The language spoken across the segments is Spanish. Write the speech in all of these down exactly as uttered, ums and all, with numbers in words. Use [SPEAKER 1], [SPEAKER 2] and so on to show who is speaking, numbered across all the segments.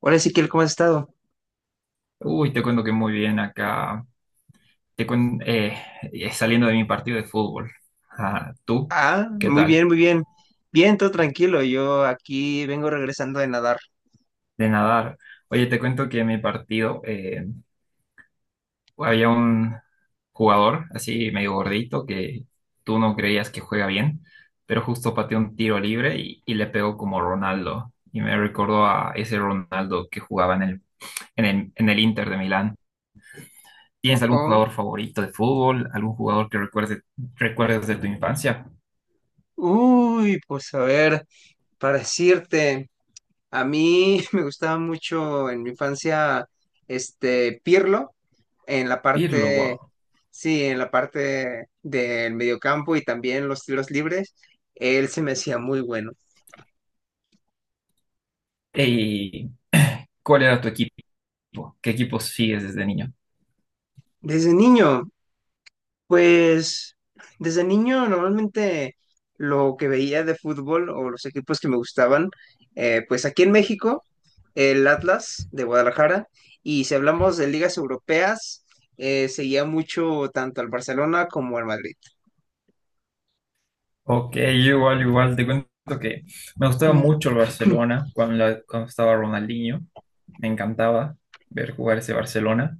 [SPEAKER 1] Hola Ezequiel, ¿cómo has estado?
[SPEAKER 2] Uy, te cuento que muy bien acá. Te cuen- eh, eh, Saliendo de mi partido de fútbol. Ah, ¿tú?
[SPEAKER 1] Ah,
[SPEAKER 2] ¿Qué
[SPEAKER 1] muy
[SPEAKER 2] tal?
[SPEAKER 1] bien, muy bien. Bien, todo tranquilo. Yo aquí vengo regresando de nadar.
[SPEAKER 2] De nadar. Oye, te cuento que en mi partido eh, había un jugador así medio gordito que tú no creías que juega bien, pero justo pateó un tiro libre y, y le pegó como Ronaldo. Y me recordó a ese Ronaldo que jugaba en el, en el, en el Inter de Milán.
[SPEAKER 1] Oh,
[SPEAKER 2] ¿Tienes algún
[SPEAKER 1] oh.
[SPEAKER 2] jugador favorito de fútbol? ¿Algún jugador que recuerde, recuerdes de tu infancia?
[SPEAKER 1] Uy, pues a ver, para decirte, a mí me gustaba mucho en mi infancia este Pirlo en la
[SPEAKER 2] Pirlo,
[SPEAKER 1] parte,
[SPEAKER 2] wow.
[SPEAKER 1] sí, en la parte del mediocampo y también los tiros libres. Él se me hacía muy bueno.
[SPEAKER 2] ¿Y ¿Cuál era tu equipo? ¿Qué equipo sigues desde niño?
[SPEAKER 1] Desde niño, pues desde niño normalmente lo que veía de fútbol o los equipos que me gustaban, eh, pues aquí en México, el Atlas de Guadalajara, y si hablamos de ligas europeas, eh, seguía mucho tanto al Barcelona como al Madrid.
[SPEAKER 2] Ok, igual, igual, te cuento que me gustaba mucho el Barcelona cuando, la- cuando estaba Ronaldinho. Me encantaba ver jugar ese Barcelona,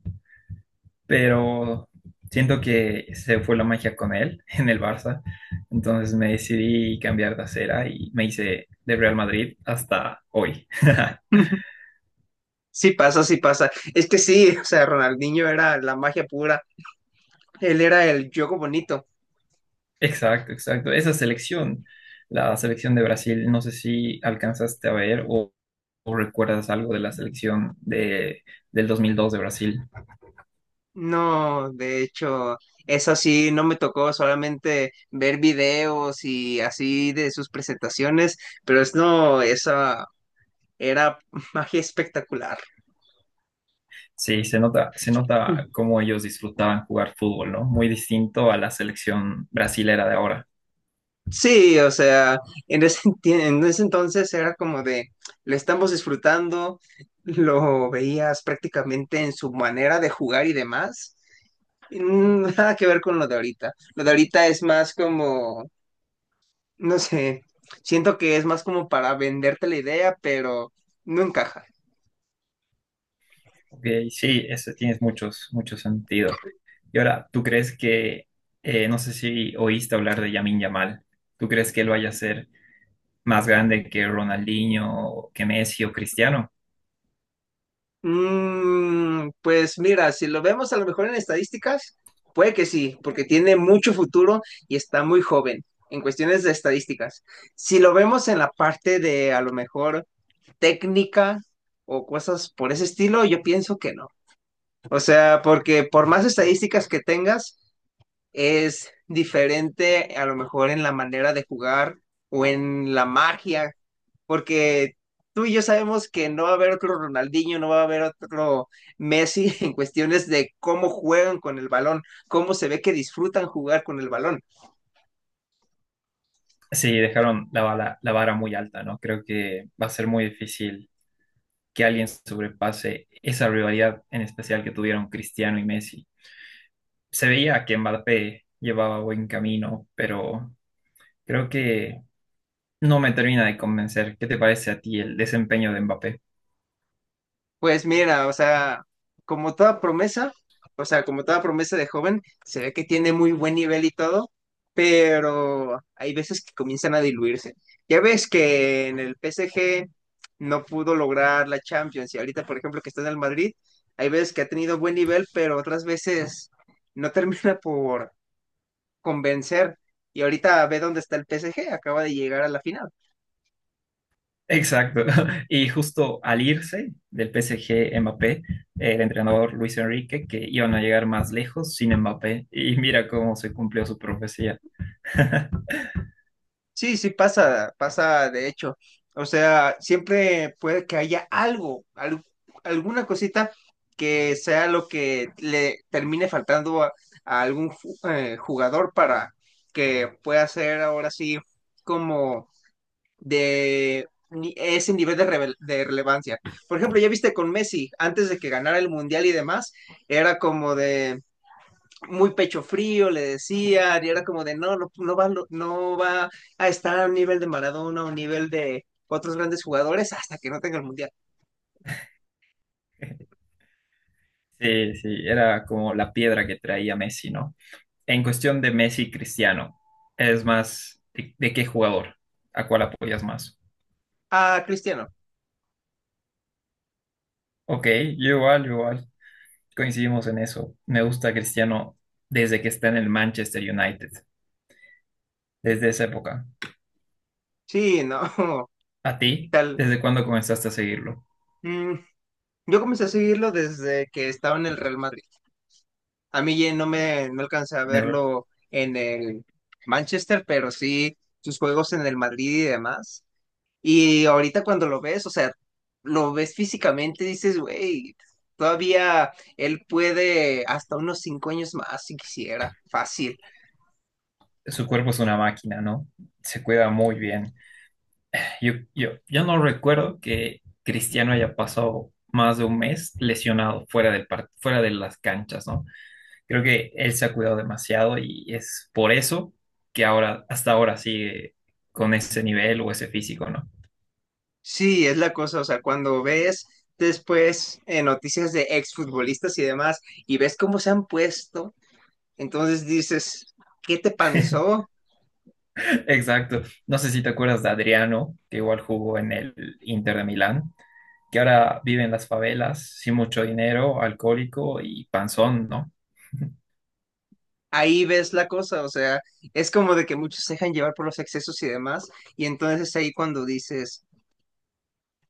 [SPEAKER 2] pero siento que se fue la magia con él en el Barça. Entonces me decidí cambiar de acera y me hice de Real Madrid hasta hoy.
[SPEAKER 1] Sí pasa, sí pasa. Es que sí, o sea, Ronaldinho era la magia pura, él era el juego bonito.
[SPEAKER 2] Exacto, exacto. Esa selección, la selección de Brasil, no sé si alcanzaste a ver o, o recuerdas algo de la selección de, del dos mil dos de Brasil.
[SPEAKER 1] No, de hecho, eso sí no me tocó, solamente ver videos y así de sus presentaciones, pero es no, esa era magia espectacular.
[SPEAKER 2] Sí, se nota, se nota cómo ellos disfrutaban jugar fútbol, ¿no? Muy distinto a la selección brasilera de ahora.
[SPEAKER 1] Sí, o sea, en ese, enti- en ese entonces era como de, lo estamos disfrutando, lo veías prácticamente en su manera de jugar y demás. Y nada que ver con lo de ahorita. Lo de ahorita es más como, no sé, siento que es más como para venderte la idea, pero no encaja.
[SPEAKER 2] Ok, sí, eso tienes muchos, mucho sentido. Y ahora, ¿tú crees que, eh, no sé si oíste hablar de Yamin Yamal, ¿tú crees que él vaya a ser más grande que Ronaldinho, que Messi o Cristiano?
[SPEAKER 1] Mm, pues mira, si lo vemos a lo mejor en estadísticas, puede que sí, porque tiene mucho futuro y está muy joven en cuestiones de estadísticas. Si lo vemos en la parte de a lo mejor técnica o cosas por ese estilo, yo pienso que no. O sea, porque por más estadísticas que tengas, es diferente a lo mejor en la manera de jugar o en la magia, porque tú y yo sabemos que no va a haber otro Ronaldinho, no va a haber otro Messi en cuestiones de cómo juegan con el balón, cómo se ve que disfrutan jugar con el balón.
[SPEAKER 2] Sí, dejaron la bala- la vara muy alta, ¿no? Creo que va a ser muy difícil que alguien sobrepase esa rivalidad en especial que tuvieron Cristiano y Messi. Se veía que Mbappé llevaba buen camino, pero creo que no me termina de convencer. ¿Qué te parece a ti el desempeño de Mbappé?
[SPEAKER 1] Pues mira, o sea, como toda promesa, o sea, como toda promesa de joven, se ve que tiene muy buen nivel y todo, pero hay veces que comienzan a diluirse. Ya ves que en el P S G no pudo lograr la Champions y ahorita, por ejemplo, que está en el Madrid, hay veces que ha tenido buen nivel, pero otras veces no termina por convencer. Y ahorita ve dónde está el P S G, acaba de llegar a la final.
[SPEAKER 2] Exacto. Y justo al irse del P S G Mbappé, el entrenador Luis Enrique, que iban a llegar más lejos sin Mbappé, y mira cómo se cumplió su profecía.
[SPEAKER 1] Sí, sí pasa, pasa de hecho. O sea, siempre puede que haya algo, al- alguna cosita que sea lo que le termine faltando a, a algún ju- eh, jugador para que pueda ser ahora sí como de ni- ese nivel de, revel- de relevancia. Por ejemplo, ya viste con Messi, antes de que ganara el Mundial y demás, era como de muy pecho frío, le decían, y era como de, no, no, no va, no va a estar a un nivel de Maradona o un nivel de otros grandes jugadores hasta que no tenga el Mundial.
[SPEAKER 2] Sí, sí, era como la piedra que traía Messi, ¿no? En cuestión de Messi y Cristiano, es más, ¿de, ¿de qué jugador? ¿A cuál apoyas más?
[SPEAKER 1] Ah, Cristiano,
[SPEAKER 2] Ok, yo igual, yo igual, coincidimos en eso. Me gusta Cristiano desde que está en el Manchester United, desde esa época.
[SPEAKER 1] sí, no,
[SPEAKER 2] ¿A ti?
[SPEAKER 1] tal.
[SPEAKER 2] ¿Desde cuándo comenzaste a seguirlo?
[SPEAKER 1] Mm, yo comencé a seguirlo desde que estaba en el Real Madrid. A mí ya no me no alcancé a
[SPEAKER 2] En el-
[SPEAKER 1] verlo en el Manchester, pero sí sus juegos en el Madrid y demás. Y ahorita cuando lo ves, o sea, lo ves físicamente, dices, güey, todavía él puede hasta unos cinco años más si quisiera, fácil.
[SPEAKER 2] Su cuerpo es una máquina, ¿no? Se cuida muy bien. Yo, yo, yo no recuerdo que Cristiano haya pasado más de un mes lesionado fuera del par- fuera de las canchas, ¿no? Creo que él se ha cuidado demasiado y es por eso que ahora, hasta ahora sigue con ese nivel o ese físico, ¿no?
[SPEAKER 1] Sí, es la cosa, o sea, cuando ves después eh, noticias de exfutbolistas y demás y ves cómo se han puesto, entonces dices, ¿qué te pasó?
[SPEAKER 2] Exacto. No sé si te acuerdas de Adriano, que igual jugó en el Inter de Milán, que ahora vive en las favelas, sin mucho dinero, alcohólico y panzón, ¿no?
[SPEAKER 1] Ahí ves la cosa, o sea, es como de que muchos se dejan llevar por los excesos y demás, y entonces ahí cuando dices,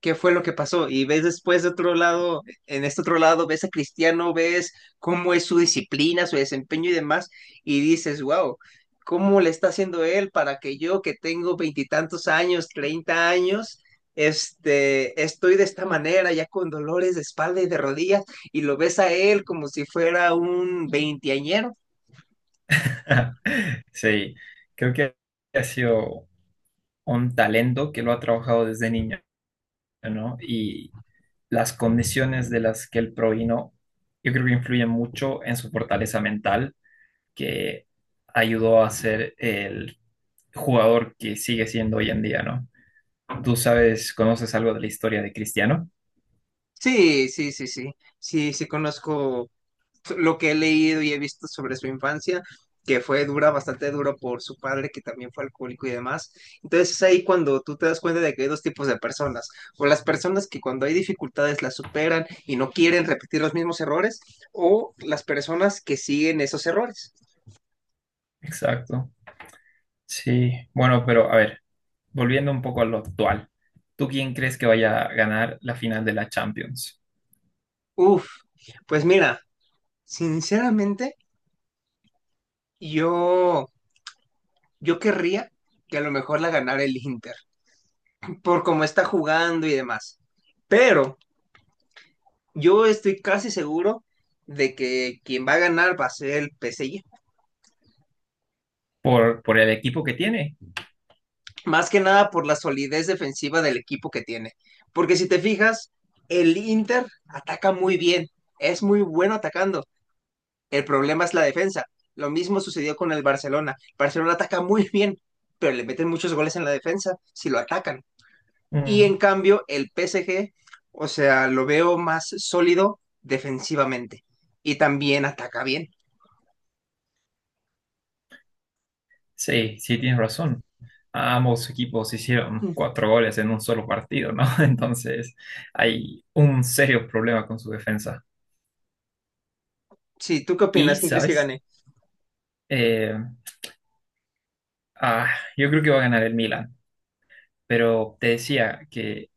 [SPEAKER 1] qué fue lo que pasó. Y ves después de otro lado, en este otro lado, ves a Cristiano, ves cómo es su disciplina, su desempeño y demás, y dices, wow, ¿cómo le está haciendo él para que yo, que tengo veintitantos años, treinta años, este, estoy de esta manera, ya con dolores de espalda y de rodillas, y lo ves a él como si fuera un veinteañero?
[SPEAKER 2] Sí, creo que ha sido un talento que lo ha trabajado desde niño, ¿no? Y las condiciones de las que él provino, yo creo que influyen mucho en su fortaleza mental, que ayudó a ser el jugador que sigue siendo hoy en día, ¿no? Tú sabes, conoces algo de la historia de Cristiano.
[SPEAKER 1] Sí, sí, sí, sí. Sí, sí conozco, so, lo que he leído y he visto sobre su infancia, que fue dura, bastante duro por su padre, que también fue alcohólico y demás. Entonces es ahí cuando tú te das cuenta de que hay dos tipos de personas, o las personas que cuando hay dificultades las superan y no quieren repetir los mismos errores, o las personas que siguen esos errores.
[SPEAKER 2] Exacto. Sí, bueno, pero a ver, volviendo un poco a lo actual, ¿tú quién crees que vaya a ganar la final de la Champions?
[SPEAKER 1] Uf, pues mira, sinceramente, yo, yo querría que a lo mejor la ganara el Inter, por cómo está jugando y demás. Pero yo estoy casi seguro de que quien va a ganar va a ser el P S G,
[SPEAKER 2] ¿Por, ¿por el equipo que tiene?
[SPEAKER 1] más que nada por la solidez defensiva del equipo que tiene. Porque si te fijas, el Inter ataca muy bien, es muy bueno atacando. El problema es la defensa. Lo mismo sucedió con el Barcelona. Barcelona ataca muy bien, pero le meten muchos goles en la defensa si lo atacan. Y en
[SPEAKER 2] Mm.
[SPEAKER 1] cambio, el P S G, o sea, lo veo más sólido defensivamente y también ataca bien.
[SPEAKER 2] Sí, sí, tienes razón. Ambos equipos hicieron cuatro goles en un solo partido, ¿no? Entonces hay un serio problema con su defensa.
[SPEAKER 1] Sí, ¿tú qué
[SPEAKER 2] Y,
[SPEAKER 1] opinas? ¿Quién crees que
[SPEAKER 2] ¿sabes?
[SPEAKER 1] gane?
[SPEAKER 2] Eh, ah, yo creo que va a ganar el Milan, pero te decía que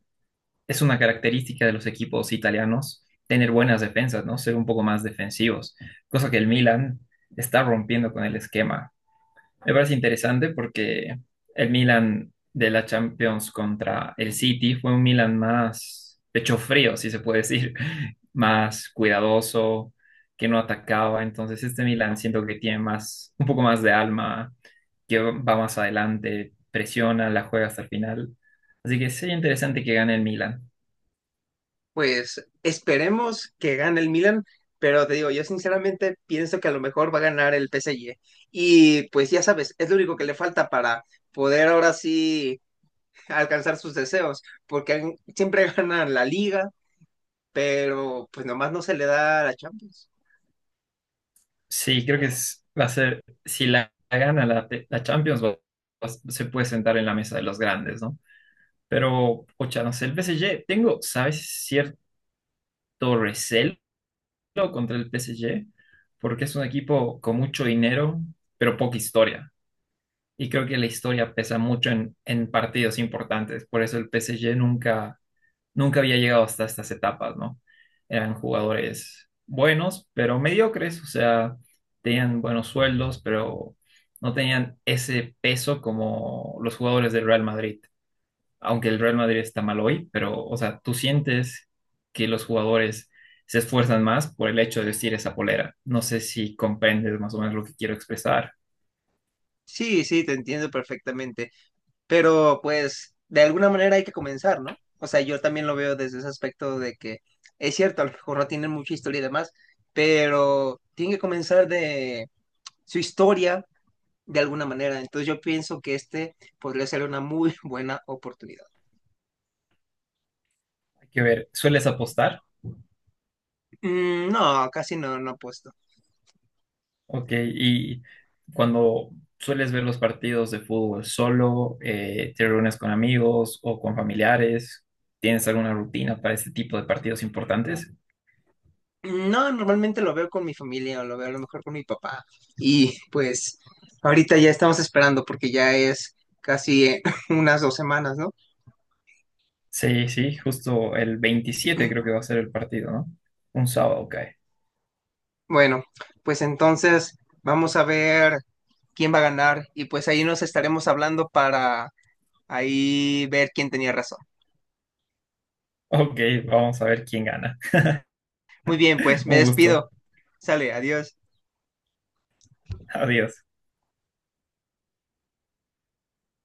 [SPEAKER 2] es una característica de los equipos italianos tener buenas defensas, ¿no? Ser un poco más defensivos, cosa que el Milan está rompiendo con el esquema. Me parece interesante porque el Milan de la Champions contra el City fue un Milan más pecho frío, si se puede decir, más cuidadoso, que no atacaba. Entonces este Milan siento que tiene más, un poco más de alma, que va más adelante, presiona, la juega hasta el final. Así que sería interesante que gane el Milan.
[SPEAKER 1] Pues esperemos que gane el Milan, pero te digo, yo sinceramente pienso que a lo mejor va a ganar el P S G. Y pues ya sabes, es lo único que le falta para poder ahora sí alcanzar sus deseos, porque han- siempre ganan la Liga, pero pues nomás no se le da la Champions.
[SPEAKER 2] Sí, creo que es- va a ser, si la la gana la, la Champions, va- va- se puede sentar en la mesa de los grandes, ¿no? Pero, ocha, no sé, el P S G, tengo, ¿sabes? Cierto recelo contra el P S G, porque es un equipo con mucho dinero, pero poca historia. Y creo que la historia pesa mucho en, en partidos importantes. Por eso el P S G nunca, nunca había llegado hasta estas etapas, ¿no? Eran jugadores buenos, pero mediocres, o sea, tenían buenos sueldos, pero no tenían ese peso como los jugadores del Real Madrid aunque el Real Madrid está mal hoy, pero, o sea, tú sientes que los jugadores se esfuerzan más por el hecho de vestir esa polera. No sé si comprendes más o menos lo que quiero expresar.
[SPEAKER 1] Sí, sí, te entiendo perfectamente. Pero pues de alguna manera hay que comenzar, ¿no? O sea, yo también lo veo desde ese aspecto de que es cierto, a lo mejor no tienen mucha historia y demás, pero tienen que comenzar de su historia de alguna manera. Entonces yo pienso que este podría ser una muy buena oportunidad.
[SPEAKER 2] Hay que ver, ¿sueles apostar?
[SPEAKER 1] Mm, no, casi no, no apuesto.
[SPEAKER 2] Ok, y cuando sueles ver los partidos de fútbol solo, eh, te reúnes con amigos o con familiares, ¿tienes alguna rutina para este tipo de partidos importantes?
[SPEAKER 1] Mm, no, normalmente lo veo con mi familia o lo veo a lo mejor con mi papá. Y pues ahorita ya estamos esperando porque ya es casi eh, unas dos semanas, ¿no?
[SPEAKER 2] Sí, sí, justo el veintisiete creo que va a ser el partido, ¿no? Un sábado, ok.
[SPEAKER 1] Bueno, pues entonces vamos a ver quién va a ganar y pues ahí nos estaremos hablando para ahí ver quién tenía razón.
[SPEAKER 2] Ok, vamos a ver quién gana.
[SPEAKER 1] Muy bien, pues me
[SPEAKER 2] Un gusto.
[SPEAKER 1] despido. Sale, adiós.
[SPEAKER 2] Adiós.